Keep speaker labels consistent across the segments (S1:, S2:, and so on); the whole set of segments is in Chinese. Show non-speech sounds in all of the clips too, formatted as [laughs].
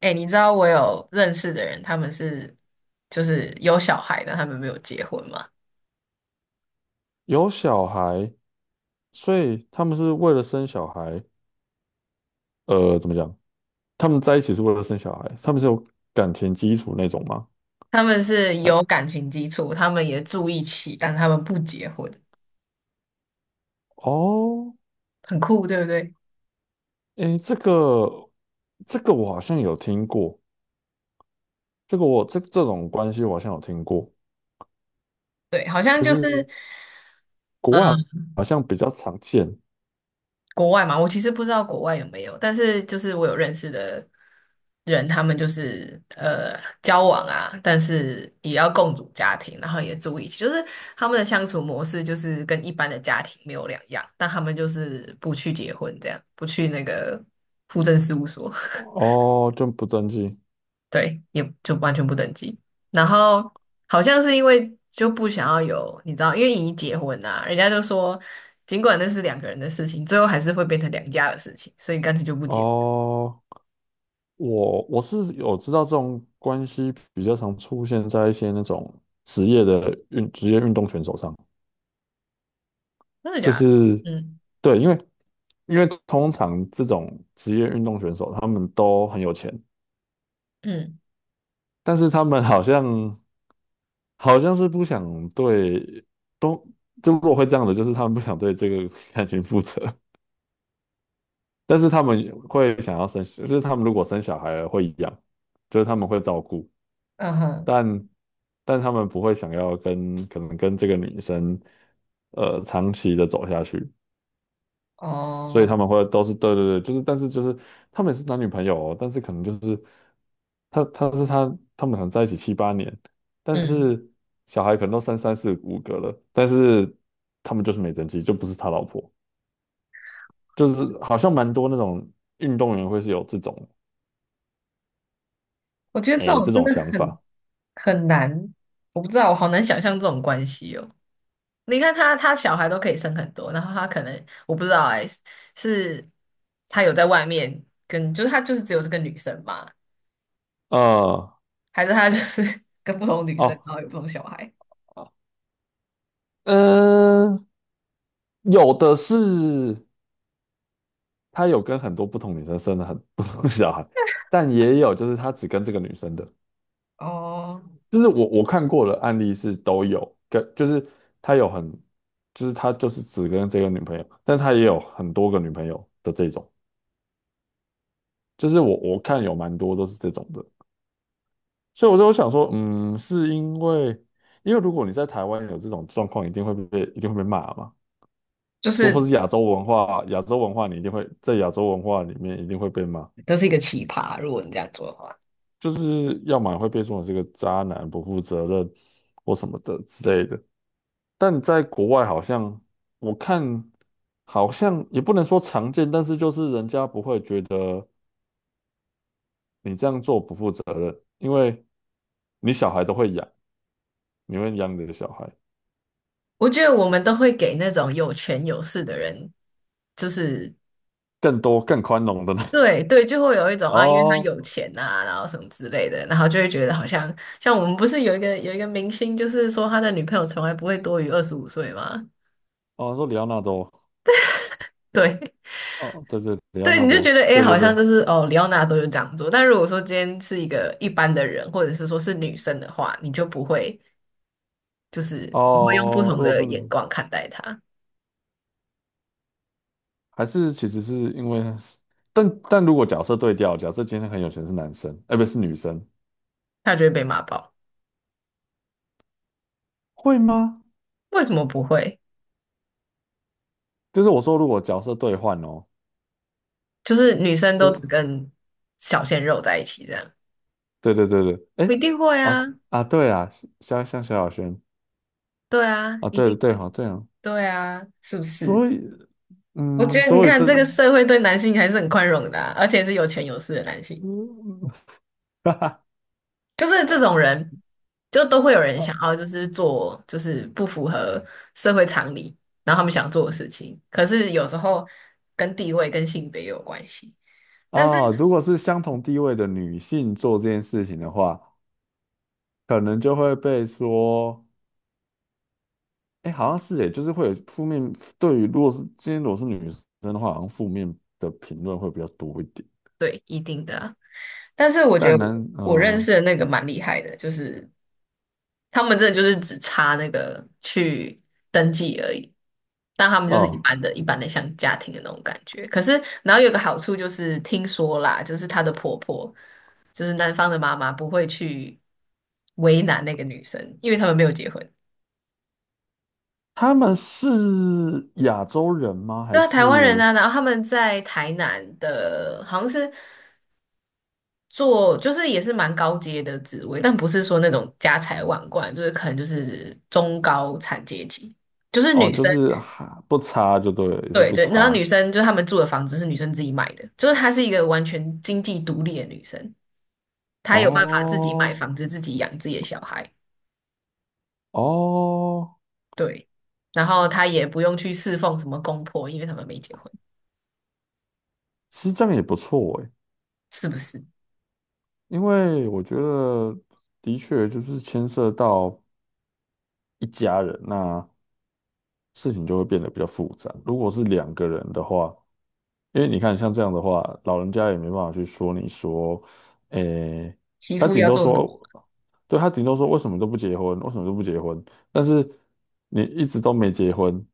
S1: 哎、你知道我有认识的人，他们是有小孩的，他们没有结婚嘛？
S2: 有小孩，所以他们是为了生小孩。怎么讲？他们在一起是为了生小孩，他们是有感情基础那种吗？
S1: 他们是
S2: 哎。
S1: 有感情基础，他们也住一起，但他们不结婚，
S2: 哦。
S1: 很酷，对不对？
S2: 哎，这个我好像有听过。这个我这种关系我好像有听过。
S1: 对，好像
S2: 就
S1: 就是，嗯
S2: 是国外好像比较常见。
S1: 国外嘛，我其实不知道国外有没有，但是就是我有认识的人，他们就是交往啊，但是也要共组家庭，然后也住一起，就是他们的相处模式就是跟一般的家庭没有两样，但他们就是不去结婚，这样不去那个户政事务所。
S2: 哦，就不登记。
S1: 对，也就完全不登记。然后好像是因为就不想要有，你知道，因为已结婚啊，人家就说，尽管那是两个人的事情，最后还是会变成两家的事情，所以干脆就不结婚。
S2: 哦。我是有知道这种关系比较常出现在一些那种职业运动选手上。
S1: 真的
S2: 就
S1: 假的？
S2: 是
S1: 嗯
S2: 对，因为通常这种职业运动选手他们都很有钱。
S1: 嗯，
S2: 但是他们好像是不想对都就如果会这样的，就是他们不想对这个 [laughs] 感情负责。但是他们会想要生，就是他们如果生小孩了会养，就是他们会照顾。
S1: 嗯哼，
S2: 但但他们不会想要跟可能跟这个女生长期的走下去。所以
S1: 哦，
S2: 他们会都是，对对对，就是但是就是他们也是男女朋友哦。但是可能就是他他是他他们可能在一起七八年。但
S1: 嗯，
S2: 是小孩可能都三四五个了。但是他们就是没登记，就不是他老婆。就是好像蛮多那种运动员会是有这种
S1: 我觉得这
S2: 诶
S1: 种
S2: 这
S1: 真
S2: 种
S1: 的
S2: 想
S1: 很
S2: 法。
S1: 很难，我不知道，我好难想象这种关系哦。你看他，他小孩都可以生很多，然后他可能我不知道哎、是他有在外面跟，就是他就是只有这个女生嘛。
S2: 啊。
S1: 还是他就是 [laughs] 跟不同女生，
S2: 哦。
S1: 然后有不同小孩？
S2: 嗯、有的是他有跟很多不同女生生了很不同的小孩。但也有就是他只跟这个女生的。
S1: 哦，
S2: 就是我看过的案例是都有，跟就是他有很，就是他就是只跟这个女朋友，但他也有很多个女朋友的这种。就是我看有蛮多都是这种的。所以我就想说，嗯，是因为如果你在台湾有这种状况，一定会被骂嘛。
S1: 就
S2: 就或
S1: 是
S2: 是亚洲文化，你一定会在亚洲文化里面一定会被骂。
S1: 都是一个奇葩。如果你这样做的话，
S2: 就是要么会被说成是个渣男、不负责任或什么的之类的。但在国外好像我看好像也不能说常见，但是就是人家不会觉得你这样做不负责任，因为你小孩都会养，你会养你的小孩
S1: 我觉得我们都会给那种有权有势的人，就是
S2: 更多更宽容的呢。[laughs]
S1: 对对，就会有一种啊，因为他
S2: 哦
S1: 有钱啊，然后什么之类的，然后就会觉得好像像我们不是有一个有一个明星，就是说他的女朋友从来不会多于25岁吗？
S2: 哦，说里奥纳多。
S1: 对 [laughs]
S2: 哦对对，里奥
S1: 对，
S2: 纳
S1: 你就觉
S2: 多，
S1: 得诶，
S2: 对对
S1: 好像
S2: 对。
S1: 就是哦，里奥纳多就这样做。但如果说今天是一个一般的人，或者是说是女生的话，你就不会。就是你会用不
S2: 哦，
S1: 同
S2: 如果
S1: 的
S2: 是你
S1: 眼光看待他，
S2: 还是其实是因为但如果角色对调，假设今天很有钱是男生，哎、不是女生。
S1: 他就会被骂爆。
S2: 会吗？
S1: 为什么不会？
S2: 就是我说如果角色兑换哦。
S1: 就是女生
S2: 就
S1: 都
S2: 是
S1: 只跟小鲜肉在一起这样，
S2: 对对对对，哎、
S1: 一定会
S2: 啊
S1: 啊，
S2: 啊对啊。像萧亚轩。
S1: 对啊，
S2: 啊，
S1: 一
S2: 对
S1: 定
S2: 对
S1: 会，
S2: 好对啊。
S1: 对啊，是不是？
S2: 所以
S1: 我
S2: 嗯，
S1: 觉得你
S2: 所以
S1: 看
S2: 这
S1: 这个社会对男性还是很宽容的啊而且是有钱有势的男性，
S2: 嗯，[laughs] 哈哈。
S1: 就是这种人，就都会有人想
S2: 哦
S1: 要就
S2: 哦。
S1: 是做就是不符合社会常理，然后他们想做的事情，可是有时候跟地位跟性别也有关系。但
S2: 啊，
S1: 是。
S2: 如果是相同地位的女性做这件事情的话，可能就会被说。哎，好像是。哎，就是会有负面。对于如果是女生的话，好像负面的评论会比较多一点。
S1: 对，一定的啊，但是我觉
S2: 但
S1: 得
S2: 男，
S1: 我认
S2: 嗯、
S1: 识的那个蛮厉害的，就是他们真的就是只差那个去登记而已，但他们就是一
S2: 哦。
S1: 般的、一般的像家庭的那种感觉。可是，然后有个好处就是，听说啦，就是她的婆婆，就是男方的妈妈不会去为难那个女生，因为他们没有结婚。
S2: 他们是亚洲人吗？还
S1: 对啊，台湾人
S2: 是
S1: 啊，然后他们在台南的，好像是。做就是也是蛮高阶的职位，但不是说那种家财万贯，就是可能就是中高产阶级，就是
S2: 哦，
S1: 女
S2: 就
S1: 生，
S2: 是哈不差就对了，也是
S1: 对
S2: 不
S1: 对，然后女
S2: 差。
S1: 生就是他们住的房子是女生自己买的，就是她是一个完全经济独立的女生，她有办法自己买
S2: 哦。
S1: 房子，自己养自己的小孩，
S2: 哦。
S1: 对，然后她也不用去侍奉什么公婆，因为他们没结婚，
S2: 其实这样也不错哎。
S1: 是不是？
S2: 因为我觉得的确就是牵涉到一家人，那事情就会变得比较复杂。如果是两个人的话，因为你看，像这样的话，老人家也没办法去说你说，诶。
S1: 媳
S2: 他
S1: 妇
S2: 顶
S1: 要
S2: 多
S1: 做什么？
S2: 说，对，他顶多说，为什么都不结婚，为什么都不结婚？但是你一直都没结婚，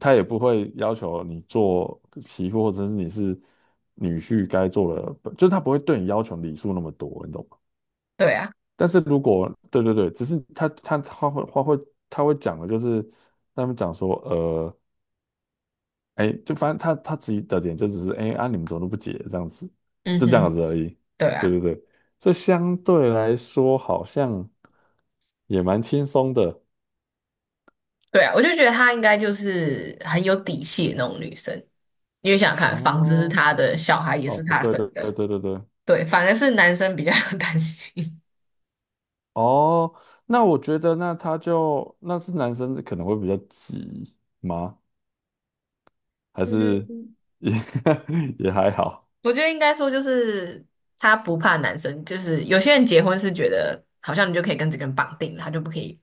S2: 他也不会要求你做媳妇或者是你是女婿该做的。就是他不会对你要求礼数那么多，你懂吗？
S1: 对啊，
S2: 但是如果对对对，只是他会讲的。就是他们讲说，哎，就反正他自己的点就只是哎啊，你们怎么都不解这样子。
S1: 嗯
S2: 就这样
S1: 哼，
S2: 子而已。
S1: 对
S2: 对
S1: 啊。
S2: 对对。这相对来说好像也蛮轻松的。
S1: 对啊，我就觉得她应该就是很有底气的那种女生，因为想想看，房子是
S2: 哦
S1: 她的，小孩也是
S2: 哦，
S1: 她
S2: 对
S1: 生
S2: 对对
S1: 的，
S2: 对对对。
S1: 对，反而是男生比较 [laughs] 担心。
S2: 哦，那我觉得那他就那是男生可能会比较急吗？还是
S1: 嗯，
S2: 也 [laughs] 也还好？
S1: 我觉得应该说就是她不怕男生，就是有些人结婚是觉得好像你就可以跟这个人绑定了，他就不可以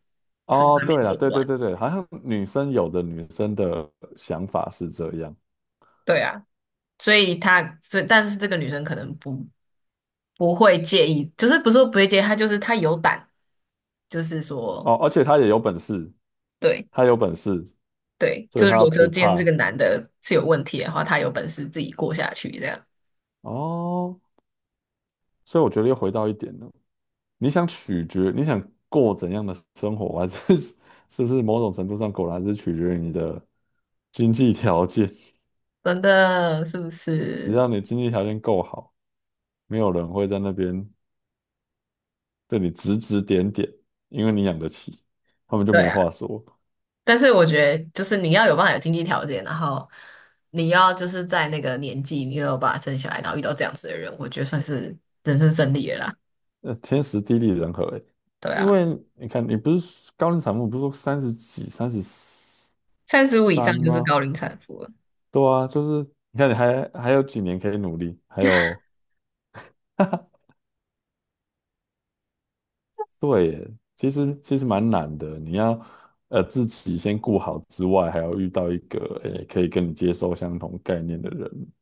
S1: 出去
S2: 哦，
S1: 外面
S2: 对了，
S1: 作
S2: 对对
S1: 乱。
S2: 对对，好像女生有的女生的想法是这样。
S1: 对啊，所以他所以但是这个女生可能不会介意，就是不是说不会介意，她就是她有胆，就是说。
S2: 哦，而且她也有本事。
S1: 对。
S2: 她有本事。
S1: 对，
S2: 所
S1: 就
S2: 以
S1: 是如
S2: 他
S1: 果说
S2: 不
S1: 今天这
S2: 怕。
S1: 个男的是有问题的话，他有本事自己过下去，这样
S2: 哦。所以我觉得又回到一点了，你想取决，你想过怎样的生活，还是 [laughs] 是不是某种程度上果然是取决于你的经济条件。[laughs]
S1: 真的是不
S2: 只
S1: 是？
S2: 要你经济条件够好，没有人会在那边对你指指点点，因为你养得起，他们就
S1: 对
S2: 没
S1: 啊，
S2: 话说。
S1: 但是我觉得就是你要有办法有经济条件，然后你要就是在那个年纪，你又有办法生小孩，然后遇到这样子的人，我觉得算是人生胜利了啦。
S2: 天时地利人和，欸。
S1: 对
S2: 因
S1: 啊，
S2: 为你看，你不是高龄产妇，不是说三十几、三十
S1: 35以上
S2: 三
S1: 就是
S2: 吗？
S1: 高龄产妇了。
S2: 对啊，就是你看你还有几年可以努力，还有。对耶，其实蛮难的。你要自己先顾好之外，还要遇到一个诶可以跟你接受相同概念的人。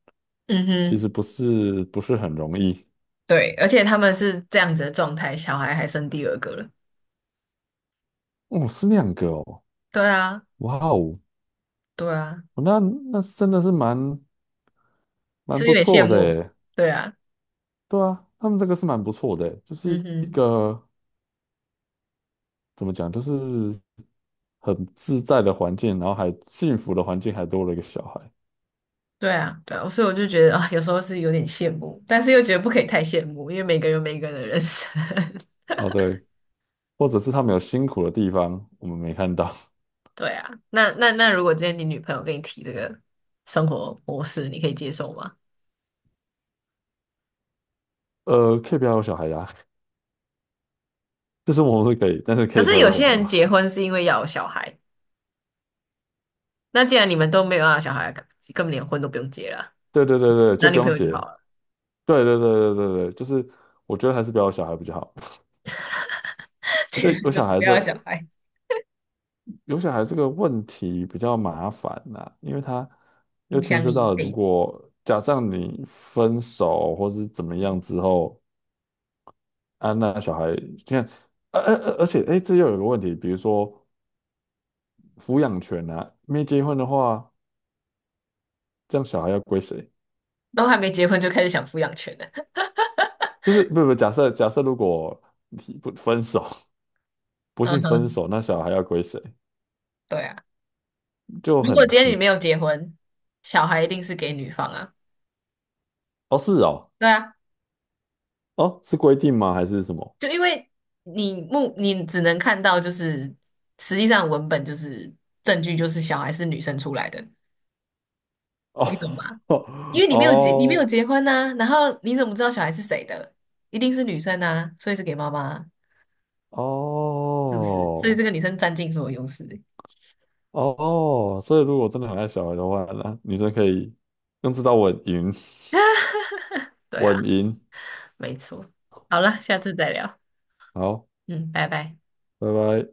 S1: 嗯
S2: 其
S1: 哼，
S2: 实不是很容易。
S1: 对，而且他们是这样子的状态，小孩还生第二个了。
S2: 哦，是那样个哦。
S1: 对啊，
S2: 哇哦。
S1: 对啊，
S2: 那那真的是蛮
S1: 是有
S2: 不
S1: 点羡
S2: 错的
S1: 慕。
S2: 耶。
S1: 对啊，
S2: 对啊，他们这个是蛮不错的耶，就是
S1: 嗯
S2: 一
S1: 哼。
S2: 个怎么讲，就是很自在的环境，然后还幸福的环境，还多了一个小孩。
S1: 对啊，对啊，所以我就觉得啊，有时候是有点羡慕，但是又觉得不可以太羡慕，因为每个人有每个人的人生。[laughs]
S2: 啊，对，或者是他们有辛苦的地方，我们没看到。[laughs]
S1: 对啊，那，如果今天你女朋友跟你提这个生活模式，你可以接受吗？
S2: 可以不要有小孩呀、[laughs] 这是我们是可以，但是可
S1: 可
S2: 以不
S1: 是
S2: 要
S1: 有
S2: 有小
S1: 些
S2: 孩
S1: 人
S2: 吗？
S1: 结婚是因为要有小孩，那既然你们都没有要有小孩，根本连婚都不用结了，
S2: [laughs] 对对对对，就
S1: 男
S2: 不
S1: 女朋
S2: 用
S1: 友就
S2: 结。
S1: 好了。
S2: 对对对对对对，就是我觉得还是不要有小孩比较好。
S1: [laughs]
S2: [laughs]
S1: 结
S2: 这
S1: 婚
S2: 有
S1: 就
S2: 小
S1: 是
S2: 孩
S1: 不要
S2: 这
S1: 有小孩，
S2: 有小孩这个问题比较麻烦呐、因为他又
S1: 影
S2: 牵
S1: 响
S2: 涉
S1: 你一
S2: 到如
S1: 辈子。
S2: 果假设你分手或是怎么样
S1: 嗯，
S2: 之后。啊，那小孩现在。而且哎，诶这又有个问题，比如说抚养权呐，没结婚的话。这样小孩要归谁？
S1: 都还没结婚就开始想抚养权了。[laughs]
S2: 就是不，假设如果你不分手。[laughs] 不
S1: 嗯
S2: 幸分
S1: 哼，
S2: 手，那小孩要归谁？
S1: 对啊，
S2: 就
S1: 如果今天你
S2: 很。
S1: 没有结婚，小孩一定是给女方啊。
S2: 哦，是哦。
S1: 对啊。
S2: 哦，是规定吗？还是什么？
S1: 就因为你目你只能看到，就是实际上文本就是证据，就是小孩是女生出来的，
S2: 哦
S1: 你懂吗？
S2: [laughs]
S1: 因
S2: 哦
S1: 为你没有结，你没有
S2: 哦
S1: 结婚呐、然后你怎么知道小孩是谁的？一定是女生啊，所以是给妈妈啊。是不是？所以这
S2: 哦。
S1: 个女生占尽所有优势。
S2: 哦。所以如果真的很爱小孩的话，那女生可以用这招稳赢，
S1: 对啊，
S2: 稳赢。
S1: 没错。好了，下次再聊。
S2: 好，
S1: 嗯，拜拜。
S2: 拜拜。